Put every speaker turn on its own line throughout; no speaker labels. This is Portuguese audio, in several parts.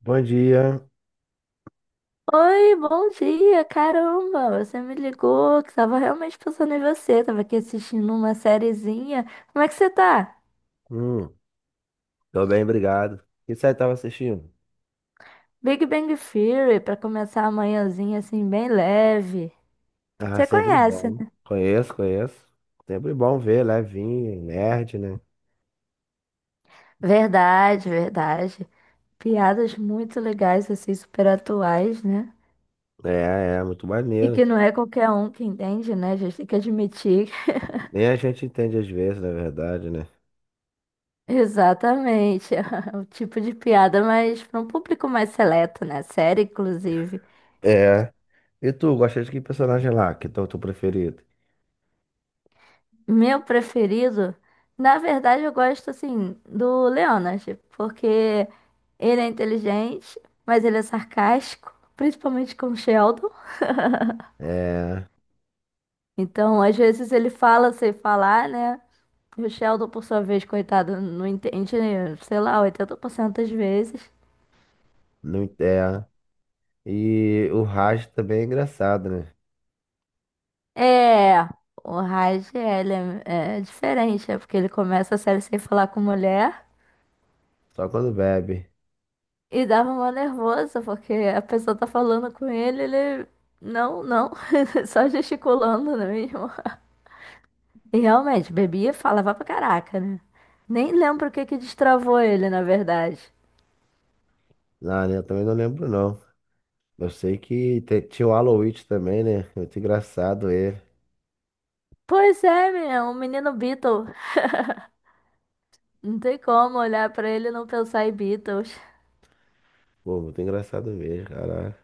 Bom dia.
Oi, bom dia, caramba, você me ligou, que tava realmente pensando em você, tava aqui assistindo uma sériezinha. Como é que você tá?
Hum, Tô bem, obrigado. O que você tava assistindo?
Big Bang Theory, pra começar a manhãzinha assim, bem leve.
Ah,
Você
sempre
conhece,
bom.
né?
Conheço, conheço. Sempre bom ver, levinho, nerd, né?
Verdade, verdade. Piadas muito legais, assim, super atuais, né?
É, é, muito
E
maneiro.
que não é qualquer um que entende, né? A gente tem que admitir.
Nem a gente entende às vezes, na verdade, né?
Exatamente, o tipo de piada, mas para um público mais seleto, né? Série, inclusive.
É. E tu, gosta de que personagem lá? Que é o teu preferido?
Meu preferido, na verdade, eu gosto assim do Leonard, porque ele é inteligente, mas ele é sarcástico, principalmente com o Sheldon.
É,
Então, às vezes ele fala sem falar, né? E o Sheldon, por sua vez, coitado, não entende, sei lá, 80% das vezes.
não é. E o Raj também é engraçado, né?
É, o Raj, ele é diferente, é porque ele começa a série sem falar com mulher.
Só quando bebe.
E dava uma nervosa, porque a pessoa tá falando com ele, ele. Não, não. Só gesticulando, não é mesmo? E realmente, bebia e falava pra caraca, né? Nem lembro o que que destravou ele, na verdade.
Ah, né? Eu também não lembro, não. Eu sei que tinha o Aloy também, né? Muito engraçado ele.
Pois é, menina, um menino Beatle. Não tem como olhar pra ele e não pensar em Beatles.
Pô, muito engraçado mesmo, cara.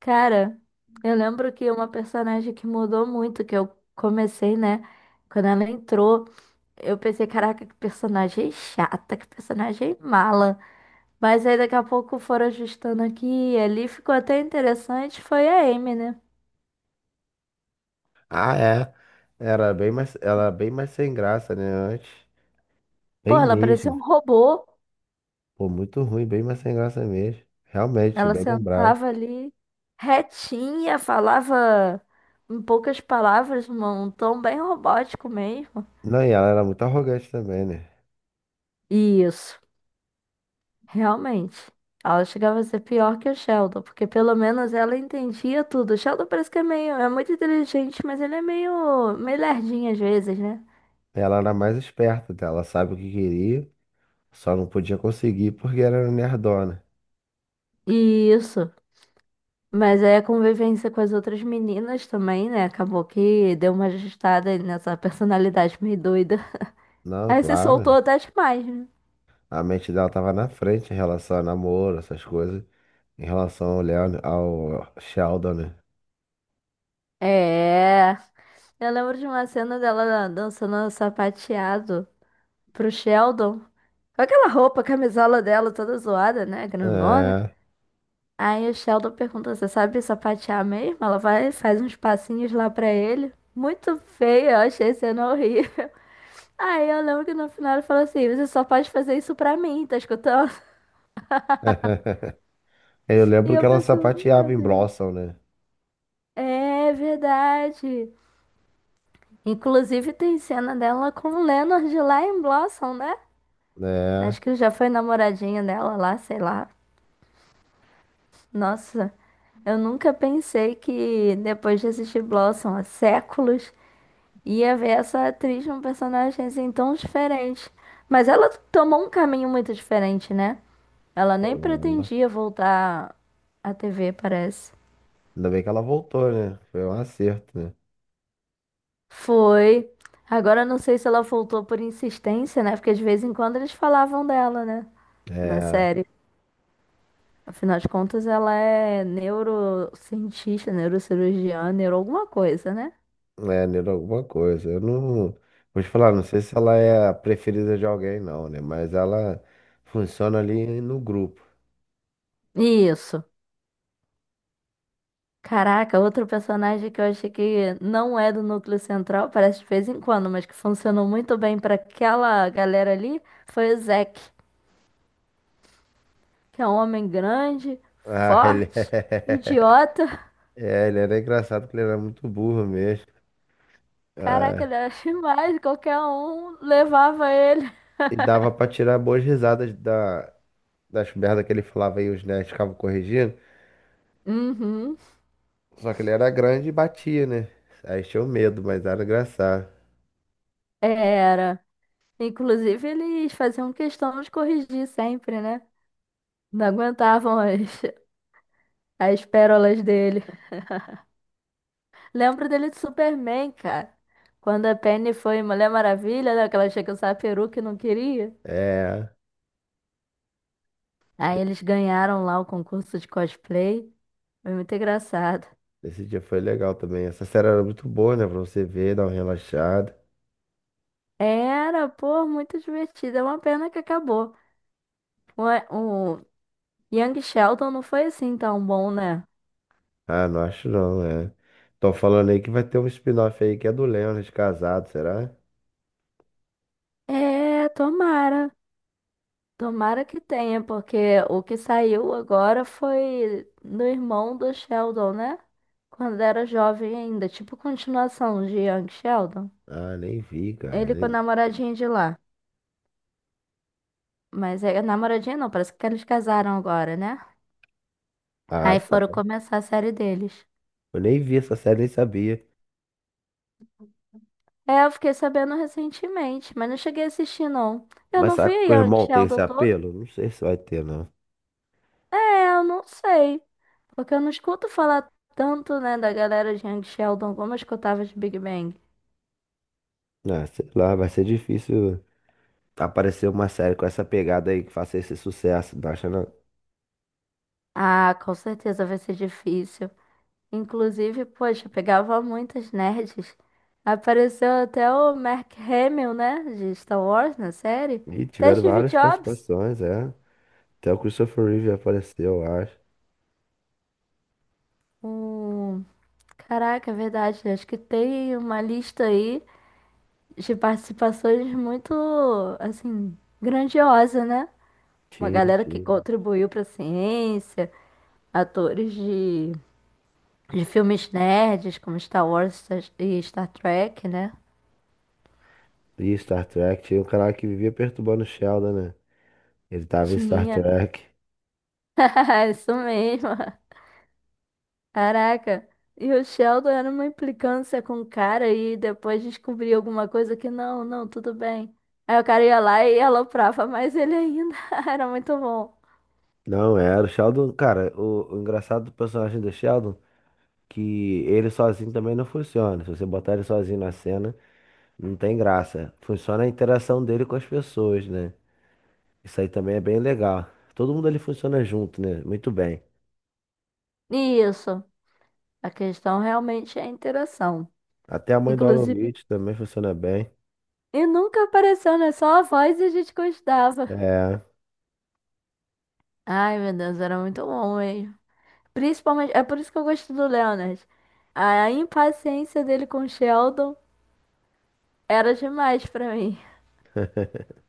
Cara, eu lembro que uma personagem que mudou muito, que eu comecei, né? Quando ela entrou, eu pensei, caraca, que personagem chata, que personagem mala. Mas aí daqui a pouco foram ajustando aqui e ali. Ficou até interessante. Foi a Amy, né?
Ah, é. Era bem mais sem graça, né, antes.
Pô,
Bem
ela parecia
mesmo.
um robô.
Pô, muito ruim, bem mais sem graça mesmo. Realmente,
Ela
bem lembrado.
sentava ali retinha, falava em poucas palavras, num tom bem robótico mesmo.
Não, e ela era muito arrogante também, né?
Isso, realmente. Ela chegava a ser pior que o Sheldon, porque pelo menos ela entendia tudo. O Sheldon parece que é meio, é muito inteligente, mas ele é meio, meio lerdinho às vezes, né?
Ela era mais esperta, tá? Ela sabe o que queria, só não podia conseguir porque era nerdona.
Isso. Mas aí a convivência com as outras meninas também, né? Acabou que deu uma ajustada nessa personalidade meio doida.
Não,
Aí se soltou
claro.
até demais, né?
A mente dela tava na frente em relação a namoro, essas coisas, em relação ao Leon, ao Sheldon, né?
É. Eu lembro de uma cena dela dançando sapateado pro Sheldon. Com aquela roupa, a camisola dela toda zoada, né? Grandona.
É.
Aí o Sheldon pergunta: você sabe sapatear mesmo? Ela vai e faz uns passinhos lá pra ele. Muito feia, eu achei a cena horrível. Aí eu lembro que no final ele falou assim: você só pode fazer isso pra mim, tá escutando?
É, eu
E
lembro que
eu
ela
pensando, meu
sapateava em
Deus.
Blossom, né?
É verdade. Inclusive tem cena dela com o Leonard lá em Blossom, né?
Né?
Acho que já foi namoradinha dela lá, sei lá. Nossa, eu nunca pensei que depois de assistir Blossom há séculos, ia ver essa atriz num personagem assim tão diferente. Mas ela tomou um caminho muito diferente, né? Ela nem
Uhum.
pretendia voltar à TV, parece.
Ainda bem que ela voltou, né? Foi um acerto, né?
Foi. Agora eu não sei se ela voltou por insistência, né? Porque de vez em quando eles falavam dela, né? Na
É,
série. Afinal de contas, ela é neurocientista, neurocirurgiã, neuro alguma coisa, né?
é, Nira, alguma coisa. Eu não. Vou te falar, não sei se ela é a preferida de alguém, não, né? Mas ela funciona ali no grupo.
Isso. Caraca, outro personagem que eu achei que não é do núcleo central, parece de vez em quando, mas que funcionou muito bem pra aquela galera ali, foi o Zack, que é um homem grande,
Ah, ele
forte, idiota.
é. Ele era engraçado porque ele era muito burro mesmo.
Caraca,
Ah,
ele era demais. Qualquer um levava ele.
e dava pra tirar boas risadas das merdas que ele falava e os nerds ficavam corrigindo.
Uhum,
Só que ele era grande e batia, né? Aí tinha o medo, mas era engraçado.
era. Inclusive, eles faziam questão de corrigir sempre, né? Não aguentavam as, as pérolas dele. Lembro dele de Superman, cara. Quando a Penny foi Mulher Maravilha, né? Que ela chega a usar a peruca e não queria.
É,
Aí eles ganharam lá o concurso de cosplay. Foi muito engraçado.
esse dia foi legal também. Essa série era muito boa, né? Pra você ver, dar uma relaxada.
Era, pô, muito divertido. É uma pena que acabou. Um, Young Sheldon não foi assim tão bom, né?
Ah, não acho não, é. Tô falando aí que vai ter um spin-off aí que é do Leonard casado, será?
É, tomara. Tomara que tenha, porque o que saiu agora foi do irmão do Sheldon, né? Quando era jovem ainda, tipo continuação de Young Sheldon.
Ah, nem vi, cara.
Ele com a namoradinha de lá. Mas é namoradinha não, parece que eles casaram agora, né?
Ah,
Aí
tá.
foram começar a série deles.
Eu nem vi essa série, nem sabia.
É, eu fiquei sabendo recentemente, mas não cheguei a assistir, não. Eu
Mas
não
será
vi
que o
Young
irmão tem esse
Sheldon todo.
apelo? Não sei se vai ter, não.
É, eu não sei. Porque eu não escuto falar tanto, né, da galera de Young Sheldon como eu escutava de Big Bang.
Ah, sei lá, vai ser difícil aparecer uma série com essa pegada aí que faça esse sucesso, não acha não?
Ah, com certeza vai ser difícil. Inclusive, poxa, pegava muitas nerds. Apareceu até o Mark Hamill, né, de Star Wars na série.
E
Até
tiveram
Steve
várias
Jobs.
participações, é. Até o Christopher Reeve apareceu, eu acho.
O... Caraca, é verdade. Acho que tem uma lista aí de participações muito, assim, grandiosa, né? Uma
Tinha,
galera que
tinha.
contribuiu para a ciência, atores de filmes nerds, como Star Wars Star- e Star Trek, né?
E Star Trek, tinha um cara que vivia perturbando o Sheldon, né? Ele tava em Star
Tinha.
Trek.
Isso mesmo. Caraca. E o Sheldon era uma implicância com o cara e depois descobria alguma coisa que não, não, tudo bem. Aí o cara ia lá e aloprava mais ele ainda. Era muito bom.
Não era, o Sheldon, cara, o engraçado do personagem do Sheldon, que ele sozinho também não funciona. Se você botar ele sozinho na cena, não tem graça. Funciona a interação dele com as pessoas, né? Isso aí também é bem legal. Todo mundo ali funciona junto, né? Muito bem.
E isso. A questão realmente é a interação.
Até a mãe do Alan
Inclusive,
Witch também funciona bem.
e nunca apareceu, né? Só a voz e a gente gostava.
É.
Ai, meu Deus, era muito bom hein? Principalmente, é por isso que eu gosto do Leonard. A impaciência dele com o Sheldon era demais pra mim.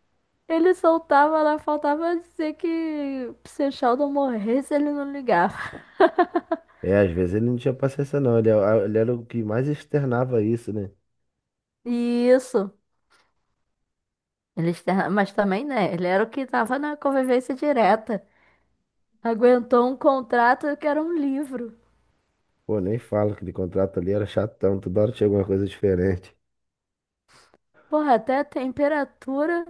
Ele soltava lá, faltava dizer que se o Sheldon morresse, ele não ligava.
É, às vezes ele não tinha paciência não, ele, ele era o que mais externava isso, né?
E isso. Ele, externa- mas também, né? Ele era o que tava na convivência direta. Aguentou um contrato que era um livro.
Pô, nem falo que de contrato ali era chatão, toda hora tinha alguma coisa diferente.
Porra, até a temperatura.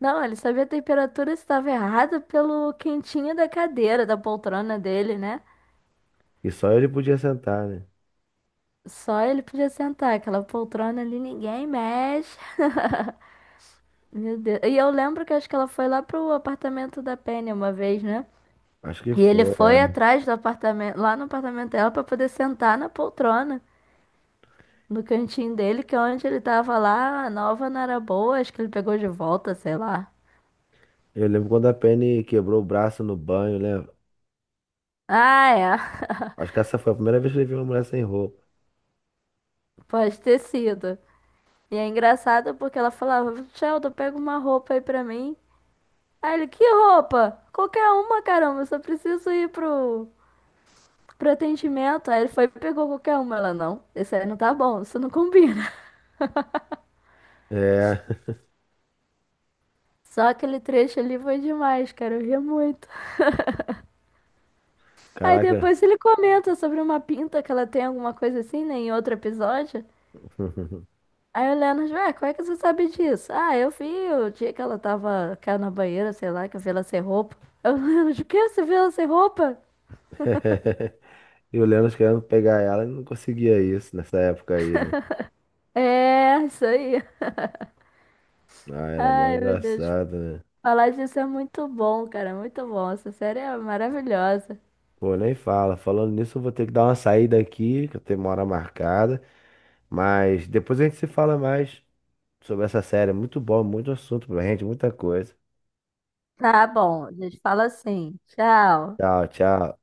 Não, ele sabia a temperatura estava errada pelo quentinho da cadeira, da poltrona dele, né?
E só ele podia sentar, né?
Só ele podia sentar, aquela poltrona ali ninguém mexe. Meu Deus. E eu lembro que acho que ela foi lá pro apartamento da Penny uma vez, né?
Acho que
E ele
foi, é.
foi atrás do apartamento, lá no apartamento dela pra poder sentar na poltrona, no cantinho dele, que é onde ele tava lá, a nova não era boa, acho que ele pegou de volta, sei lá.
Eu lembro quando a Penny quebrou o braço no banho, né?
Ah, é.
Acho que essa foi a primeira vez que ele viu uma mulher sem roupa.
Pode ter sido. E é engraçado porque ela falava: Sheldon, pega uma roupa aí pra mim. Aí ele: que roupa? Qualquer uma, caramba, eu só preciso ir pro. Pro atendimento. Aí ele foi e pegou qualquer uma. Ela, não, esse aí não tá bom, isso não combina.
É,
Só aquele trecho ali foi demais, cara, eu ria muito. Aí
caraca.
depois ele comenta sobre uma pinta que ela tem alguma coisa assim, né, em outro episódio. Aí o Leonard, ué, como é que você sabe disso? Ah, eu vi o dia que ela tava cá na banheira, sei lá, que eu vi ela sem roupa. Aí o Leonard, o quê? Você viu ela sem roupa?
E o Leandro querendo pegar ela e não conseguia isso nessa época aí, né?
É, isso aí.
Ah, era mó
Ai, meu Deus.
engraçado, né?
Falar disso é muito bom, cara, muito bom. Essa série é maravilhosa.
Pô, nem fala. Falando nisso, eu vou ter que dar uma saída aqui, que eu tenho uma hora marcada. Mas depois a gente se fala mais sobre essa série. Muito bom, muito assunto pra gente, muita coisa.
Tá bom, a gente fala assim. Tchau.
Tchau, tchau.